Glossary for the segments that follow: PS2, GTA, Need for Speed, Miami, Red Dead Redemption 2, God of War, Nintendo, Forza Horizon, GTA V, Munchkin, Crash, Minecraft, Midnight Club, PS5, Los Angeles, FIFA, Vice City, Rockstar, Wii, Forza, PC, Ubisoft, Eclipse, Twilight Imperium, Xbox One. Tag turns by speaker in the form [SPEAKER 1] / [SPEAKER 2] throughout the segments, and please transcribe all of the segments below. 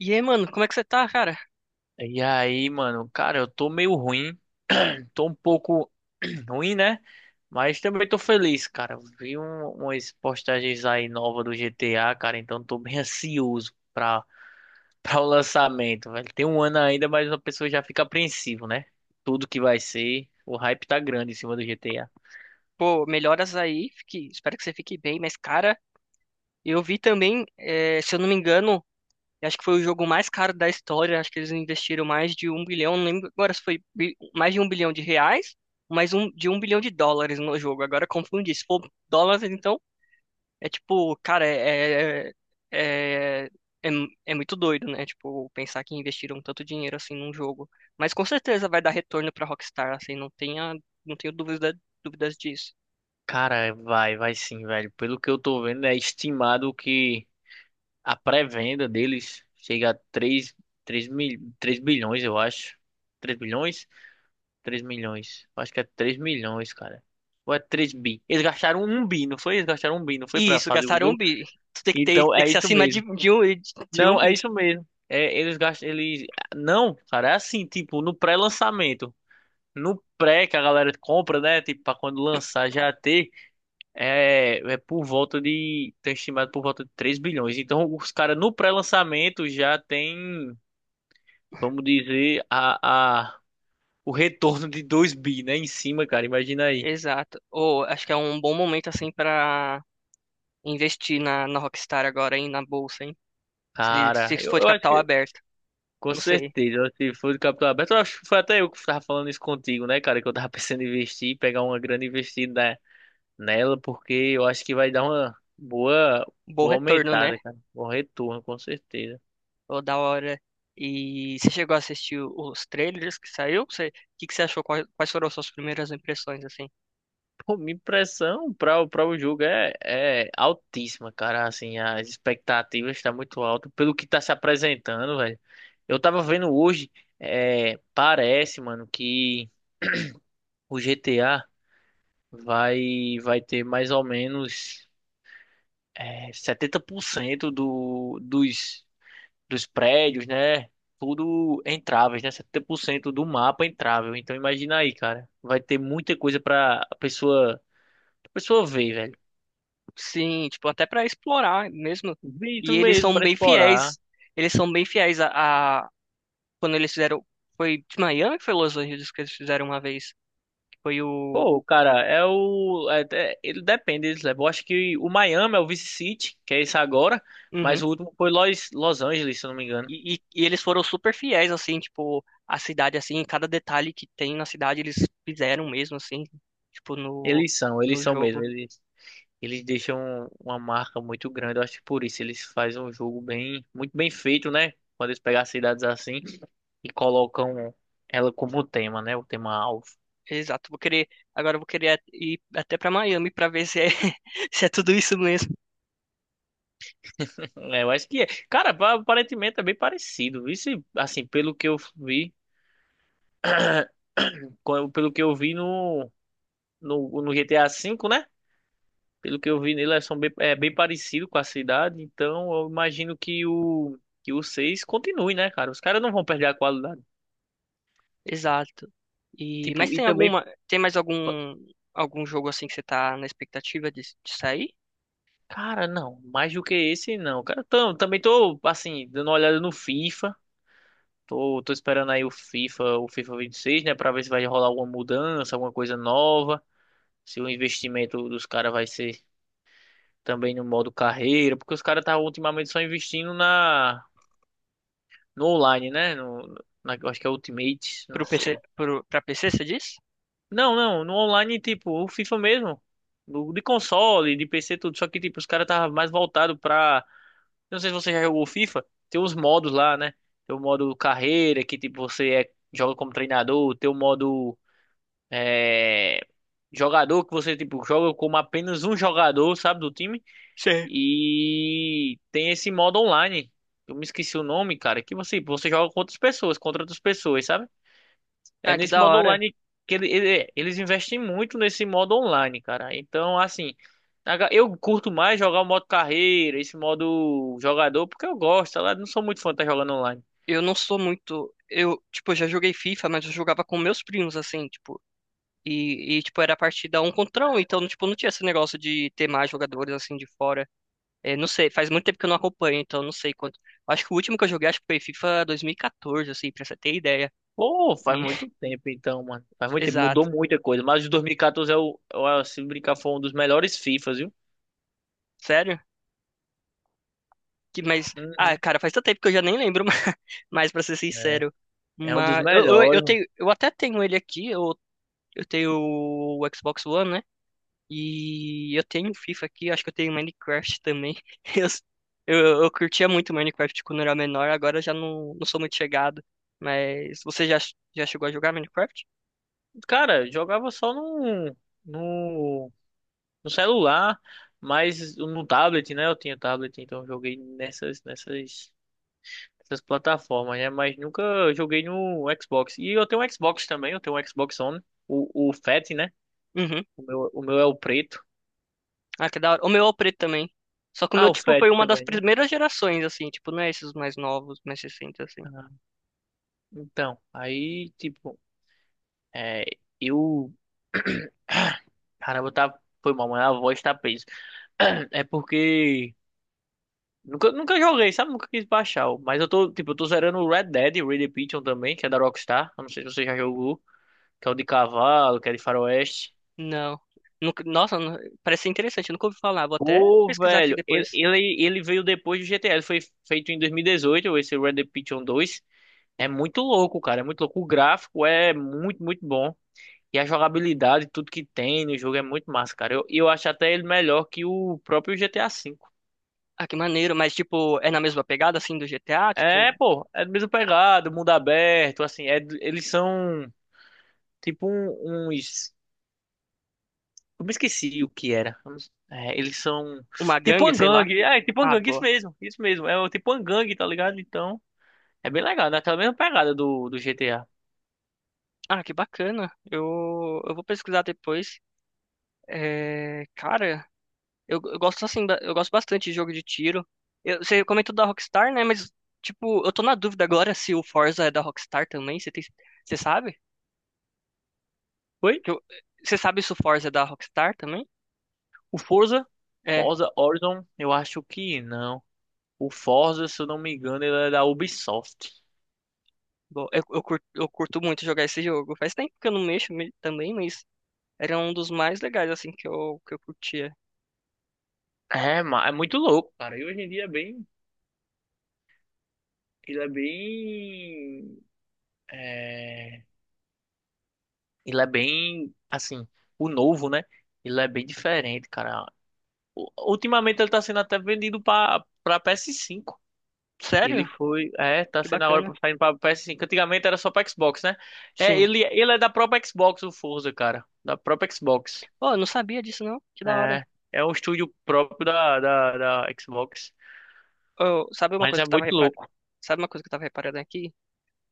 [SPEAKER 1] E aí, mano, como é que você tá, cara?
[SPEAKER 2] E aí, mano, cara, eu tô meio ruim. Tô um pouco ruim, né? Mas também tô feliz, cara. Vi umas postagens aí novas do GTA, cara, então tô bem ansioso pra o lançamento, velho. Tem um ano ainda, mas a pessoa já fica apreensivo, né? Tudo que vai ser. O hype tá grande em cima do GTA.
[SPEAKER 1] Pô, melhoras aí, espero que você fique bem. Mas, cara, eu vi também, se eu não me engano, eu acho que foi o jogo mais caro da história. Acho que eles investiram mais de um bilhão, não lembro agora se foi mais de um bilhão de reais, de um bilhão de dólares no jogo. Agora confundi, se for dólares, então... É tipo, cara, é, é, é é muito doido, né? Tipo, pensar que investiram tanto dinheiro assim num jogo. Mas com certeza vai dar retorno pra Rockstar, assim, não tenho dúvidas disso.
[SPEAKER 2] Cara, vai sim, velho. Pelo que eu tô vendo, é estimado que a pré-venda deles chega a 3 3 mil, 3 bilhões, eu acho. 3 bilhões? Três milhões. Eu acho que é 3 milhões, cara. Ou é 3 bi? Eles gastaram um bi, não foi? Eles gastaram um bi, não foi
[SPEAKER 1] E
[SPEAKER 2] pra
[SPEAKER 1] isso,
[SPEAKER 2] fazer o
[SPEAKER 1] gastaram um
[SPEAKER 2] jogo?
[SPEAKER 1] bi. Tu tem que ter,
[SPEAKER 2] Então
[SPEAKER 1] tem
[SPEAKER 2] é
[SPEAKER 1] que ser
[SPEAKER 2] isso
[SPEAKER 1] acima de,
[SPEAKER 2] mesmo.
[SPEAKER 1] de, um, de um
[SPEAKER 2] Não, é
[SPEAKER 1] bi.
[SPEAKER 2] isso mesmo. É, eles gastam, eles. Não, cara, é assim, tipo, no pré-lançamento. No pré que a galera compra, né? Tipo, pra quando lançar já ter. É por volta de. Tem estimado por volta de 3 bilhões. Então, os caras no pré-lançamento já tem, vamos dizer, o retorno de 2 bi, né? Em cima, cara. Imagina aí.
[SPEAKER 1] Exato. Ou acho que é um bom momento, assim, pra investir na Rockstar agora, hein? Na bolsa, hein? Se, ele,
[SPEAKER 2] Cara,
[SPEAKER 1] se
[SPEAKER 2] eu,
[SPEAKER 1] for de
[SPEAKER 2] eu acho
[SPEAKER 1] capital
[SPEAKER 2] que,
[SPEAKER 1] aberto.
[SPEAKER 2] com
[SPEAKER 1] Não sei.
[SPEAKER 2] certeza, se for de capital aberto, eu acho que foi até eu que tava falando isso contigo, né, cara? Que eu tava pensando em investir, pegar uma grande investida nela, porque eu acho que vai dar uma boa,
[SPEAKER 1] Bom
[SPEAKER 2] boa
[SPEAKER 1] retorno, né?
[SPEAKER 2] aumentada, cara. Bom retorno, com certeza.
[SPEAKER 1] Ô, da hora. E você chegou a assistir os trailers que saiu? Você, o que que você achou? Quais foram as suas primeiras impressões, assim?
[SPEAKER 2] Pô, minha impressão para o pra o jogo é altíssima, cara. Assim, as expectativas estão muito altas pelo que tá se apresentando, velho. Eu tava vendo hoje, é, parece, mano, que o GTA. Vai ter mais ou menos 70% dos prédios, né? Tudo entráveis, né? 70% do mapa entrável. Então imagina aí, cara. Vai ter muita coisa pra a pessoa ver, velho.
[SPEAKER 1] Sim, tipo, até pra explorar mesmo.
[SPEAKER 2] Ver
[SPEAKER 1] E
[SPEAKER 2] isso
[SPEAKER 1] eles
[SPEAKER 2] mesmo,
[SPEAKER 1] são
[SPEAKER 2] pra
[SPEAKER 1] bem
[SPEAKER 2] explorar.
[SPEAKER 1] fiéis. Eles são bem fiéis a- quando eles fizeram. Foi de Miami, que foi Los Angeles que eles fizeram uma vez. Que Foi
[SPEAKER 2] Pô,
[SPEAKER 1] o.
[SPEAKER 2] cara, é o. Ele depende, eles levam. Eu acho que o Miami é o Vice City, que é isso agora. Mas
[SPEAKER 1] Uhum.
[SPEAKER 2] o último foi Los Angeles, se eu não me engano.
[SPEAKER 1] E eles foram super fiéis, assim, tipo, a cidade, assim, cada detalhe que tem na cidade eles fizeram mesmo, assim, tipo,
[SPEAKER 2] Eles são, eles
[SPEAKER 1] no
[SPEAKER 2] são mesmo.
[SPEAKER 1] jogo.
[SPEAKER 2] Eles deixam uma marca muito grande. Eu acho que por isso eles fazem um jogo bem, muito bem feito, né? Quando eles pegam as cidades assim e colocam ela como tema, né? O tema alvo.
[SPEAKER 1] Exato, vou querer, agora eu vou querer ir até pra Miami pra ver se é, se é tudo isso mesmo.
[SPEAKER 2] É, eu acho que é. Cara, aparentemente é bem parecido. Isso, assim, pelo que eu vi, pelo que eu vi no GTA V, né? Pelo que eu vi nele, elas são bem, é bem parecido com a cidade. Então, eu imagino que o 6 continue, né, cara? Os caras não vão perder a qualidade.
[SPEAKER 1] Exato. E mas
[SPEAKER 2] Tipo, e
[SPEAKER 1] tem
[SPEAKER 2] também.
[SPEAKER 1] alguma, tem mais algum jogo assim que você tá na expectativa de sair
[SPEAKER 2] Cara, não, mais do que esse, não. Cara, também tô, assim, dando uma olhada no FIFA. Tô esperando aí o FIFA 26, né, pra ver se vai rolar alguma mudança, alguma coisa nova. Se o investimento dos caras vai ser também no modo carreira, porque os caras tá ultimamente só investindo na no online, né? No, na, Eu acho que é Ultimate, não
[SPEAKER 1] pro PC,
[SPEAKER 2] sei.
[SPEAKER 1] pro para PC, você diz?
[SPEAKER 2] Não, não, no online, tipo, o FIFA mesmo. No, de console, de PC, tudo. Só que, tipo, os caras tava mais voltado pra. Eu não sei se você já jogou FIFA, tem os modos lá, né? Tem o modo carreira, que tipo, você joga como treinador, tem o modo é, jogador, que você tipo, joga como apenas um jogador, sabe, do time.
[SPEAKER 1] Sim.
[SPEAKER 2] E tem esse modo online. Eu me esqueci o nome, cara, que você joga com outras pessoas, contra outras pessoas, sabe? É
[SPEAKER 1] Ah, que
[SPEAKER 2] nesse
[SPEAKER 1] da
[SPEAKER 2] modo
[SPEAKER 1] hora.
[SPEAKER 2] online que eles investem muito nesse modo online, cara. Então, assim, eu curto mais jogar o modo carreira, esse modo jogador, porque eu gosto. Eu não sou muito fã de estar jogando online.
[SPEAKER 1] Eu não sou muito, eu, tipo, eu já joguei FIFA, mas eu jogava com meus primos assim, tipo, e tipo era partida um contra um, então tipo não tinha esse negócio de ter mais jogadores assim de fora. É, não sei, faz muito tempo que eu não acompanho, então não sei quanto. Acho que o último que eu joguei, acho que foi FIFA 2014, assim, pra você ter ideia.
[SPEAKER 2] Pô, faz
[SPEAKER 1] E-
[SPEAKER 2] muito tempo então, mano. Faz muito tempo, mudou
[SPEAKER 1] Exato.
[SPEAKER 2] muita coisa. Mas o 2014 é se brincar, foi um dos melhores FIFAs, viu?
[SPEAKER 1] Sério? Que, mas, ah,
[SPEAKER 2] Uhum.
[SPEAKER 1] cara, faz tanto tempo que eu já nem lembro mais, mas pra ser
[SPEAKER 2] É,
[SPEAKER 1] sincero.
[SPEAKER 2] é um dos
[SPEAKER 1] Mas, eu
[SPEAKER 2] melhores, mano.
[SPEAKER 1] tenho, eu até tenho ele aqui, eu tenho o Xbox One, né? E eu tenho FIFA aqui, acho que eu tenho Minecraft também. Eu curtia muito Minecraft quando eu era menor, agora eu já não sou muito chegado. Mas, você já, já chegou a jogar Minecraft?
[SPEAKER 2] Cara, eu jogava só no, no celular, mas no tablet, né? Eu tinha tablet, então eu joguei nessas, nessas. Essas plataformas, né? Mas nunca joguei no Xbox. E eu tenho um Xbox também, eu tenho um Xbox One, o Fat, né?
[SPEAKER 1] Uhum.
[SPEAKER 2] O meu é o preto.
[SPEAKER 1] Ah, que da hora. O meu é o preto também. Só que o
[SPEAKER 2] Ah,
[SPEAKER 1] meu,
[SPEAKER 2] o
[SPEAKER 1] tipo,
[SPEAKER 2] Fat
[SPEAKER 1] foi uma das
[SPEAKER 2] também, né?
[SPEAKER 1] primeiras gerações, assim. Tipo, não é esses mais novos, mais recentes, assim.
[SPEAKER 2] Ah, então, aí, tipo, é, eu. Caramba, tá. Foi mal, mas a voz tá presa. É porque. Nunca, nunca joguei, sabe? Nunca quis baixar. Mas eu tô, tipo, eu tô zerando o Red Dead Redemption também, que é da Rockstar. Eu não sei se você já jogou. Que é o de cavalo, que é de faroeste.
[SPEAKER 1] Não. Nossa, parece ser interessante. Eu nunca ouvi falar. Vou até
[SPEAKER 2] Pô,
[SPEAKER 1] pesquisar aqui
[SPEAKER 2] velho, ele,
[SPEAKER 1] depois.
[SPEAKER 2] ele, ele veio depois do GTA, ele foi feito em 2018, esse Red Dead Redemption 2. É muito louco, cara, é muito louco. O gráfico é muito, muito bom. E a jogabilidade, tudo que tem no jogo é muito massa, cara. Eu acho até ele melhor que o próprio GTA V.
[SPEAKER 1] Ah, que maneiro. Mas, tipo, é na mesma pegada, assim, do GTA? Tipo,
[SPEAKER 2] É, pô, é do mesmo pegado, mundo aberto, assim, eles são tipo uns... Eu me esqueci o que era. É, eles são
[SPEAKER 1] uma
[SPEAKER 2] tipo
[SPEAKER 1] gangue,
[SPEAKER 2] uma
[SPEAKER 1] sei lá.
[SPEAKER 2] gangue, é, tipo uma
[SPEAKER 1] Ah,
[SPEAKER 2] gangue, isso
[SPEAKER 1] boa.
[SPEAKER 2] mesmo, isso mesmo. É o tipo uma gangue, tá ligado? Então... É bem legal, né? Aquela mesma pegada do GTA.
[SPEAKER 1] Ah, que bacana. Eu vou pesquisar depois. É, cara, eu gosto assim, eu gosto bastante de jogo de tiro. Você comentou da Rockstar, né? Mas, tipo, eu tô na dúvida agora se o Forza é da Rockstar também. Você tem, você sabe?
[SPEAKER 2] Oi.
[SPEAKER 1] Que eu- você sabe se o Forza é da Rockstar também?
[SPEAKER 2] O Forza,
[SPEAKER 1] É,
[SPEAKER 2] Forza Horizon, eu acho que não. O Forza, se eu não me engano, ele é da Ubisoft.
[SPEAKER 1] bom, eu curto muito jogar esse jogo. Faz tempo que eu não mexo também, mas era um dos mais legais, assim, que eu curtia.
[SPEAKER 2] É, é muito louco, cara. E hoje em dia é bem. Ele é bem. É... Ele é bem. Assim, o novo, né? Ele é bem diferente, cara. Ultimamente ele tá sendo até vendido pra PS5. Ele
[SPEAKER 1] Sério?
[SPEAKER 2] foi. É, tá
[SPEAKER 1] Que
[SPEAKER 2] sendo a hora
[SPEAKER 1] bacana.
[SPEAKER 2] pra sair pra PS5. Antigamente era só pra Xbox, né? É,
[SPEAKER 1] Sim.
[SPEAKER 2] ele é da própria Xbox, o Forza, cara. Da própria Xbox.
[SPEAKER 1] Pô, eu não sabia disso, não. Que da hora.
[SPEAKER 2] É, é um estúdio próprio da Xbox.
[SPEAKER 1] Sabe uma
[SPEAKER 2] Mas
[SPEAKER 1] coisa que
[SPEAKER 2] é
[SPEAKER 1] eu tava
[SPEAKER 2] muito
[SPEAKER 1] reparando?
[SPEAKER 2] louco.
[SPEAKER 1] Sabe uma coisa que eu tava reparando aqui?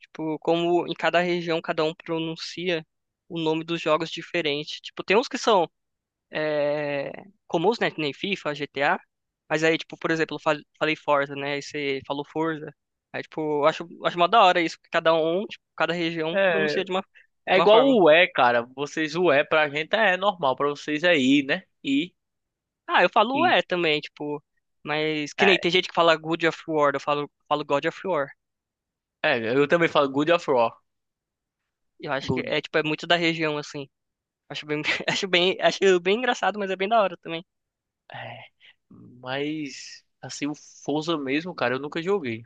[SPEAKER 1] Tipo, como em cada região cada um pronuncia o nome dos jogos diferente. Tipo, tem uns que são é, comuns, né? que Nem FIFA, GTA. Mas aí, tipo, por exemplo, eu falei Forza, né? Aí você falou Forza. Aí, tipo, acho mó da hora isso, que cada um, tipo, cada região
[SPEAKER 2] É,
[SPEAKER 1] pronuncia de
[SPEAKER 2] é
[SPEAKER 1] uma
[SPEAKER 2] igual
[SPEAKER 1] forma.
[SPEAKER 2] o U E, cara. Vocês, o Wii pra gente é normal, pra vocês é I, né? I,
[SPEAKER 1] Ah, eu falo
[SPEAKER 2] I.
[SPEAKER 1] é também, tipo. Mas que
[SPEAKER 2] É,
[SPEAKER 1] nem tem gente que fala God of War, eu falo God of War.
[SPEAKER 2] é, eu também falo Good of War.
[SPEAKER 1] Eu acho que
[SPEAKER 2] Good.
[SPEAKER 1] é, tipo, é muito da região, assim. Acho bem, acho bem engraçado, mas é bem da hora também.
[SPEAKER 2] É, mas, assim, o Forza mesmo, cara, eu nunca joguei.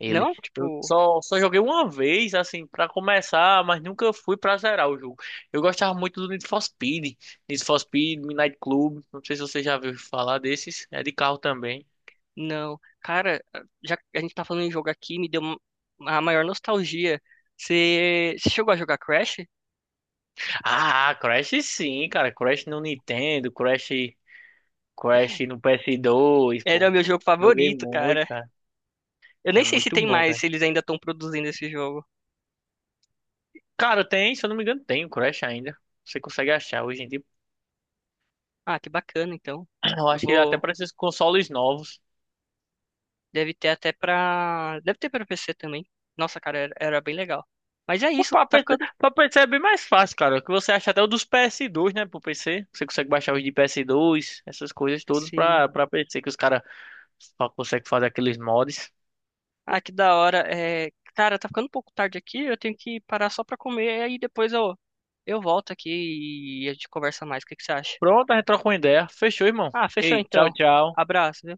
[SPEAKER 2] Ele.
[SPEAKER 1] Não,
[SPEAKER 2] Eu
[SPEAKER 1] tipo,
[SPEAKER 2] só joguei uma vez, assim, pra começar, mas nunca fui pra zerar o jogo. Eu gostava muito do Need for Speed. Need for Speed, Midnight Club. Não sei se você já viu falar desses. É de carro também.
[SPEAKER 1] não. Cara, já que a gente tá falando em jogo aqui, me deu a maior nostalgia. Você chegou a jogar Crash?
[SPEAKER 2] Ah, Crash sim, cara. Crash no Nintendo, Crash no PS2,
[SPEAKER 1] Era o
[SPEAKER 2] pô.
[SPEAKER 1] meu jogo
[SPEAKER 2] Joguei
[SPEAKER 1] favorito,
[SPEAKER 2] muito,
[SPEAKER 1] cara.
[SPEAKER 2] cara.
[SPEAKER 1] Eu nem
[SPEAKER 2] É
[SPEAKER 1] sei se
[SPEAKER 2] muito
[SPEAKER 1] tem
[SPEAKER 2] bom,
[SPEAKER 1] mais,
[SPEAKER 2] cara.
[SPEAKER 1] se eles ainda estão produzindo esse jogo.
[SPEAKER 2] Cara, tem, se eu não me engano, tem o Crash ainda. Você consegue achar hoje em dia.
[SPEAKER 1] Ah, que bacana, então.
[SPEAKER 2] Eu
[SPEAKER 1] Eu
[SPEAKER 2] acho que até
[SPEAKER 1] Vou,
[SPEAKER 2] para esses consoles novos.
[SPEAKER 1] deve ter até pra, deve ter pra PC também. Nossa, cara, era bem legal. Mas é isso,
[SPEAKER 2] O
[SPEAKER 1] tá
[SPEAKER 2] pra PC,
[SPEAKER 1] ficando.
[SPEAKER 2] Pra PC é bem mais fácil, cara. Que você acha até o dos PS2, né? Pro PC. Você consegue baixar os de PS2, essas coisas todas
[SPEAKER 1] Sim.
[SPEAKER 2] pra PC, que os caras só conseguem fazer aqueles mods.
[SPEAKER 1] Ah, que da hora. É, cara, tá ficando um pouco tarde aqui, eu tenho que parar só pra comer, aí depois eu volto aqui e a gente conversa mais. O que que você acha?
[SPEAKER 2] Pronto, a gente troca uma ideia. Fechou, irmão.
[SPEAKER 1] Ah, fechou
[SPEAKER 2] Ei, tchau,
[SPEAKER 1] então.
[SPEAKER 2] tchau.
[SPEAKER 1] Abraço, viu?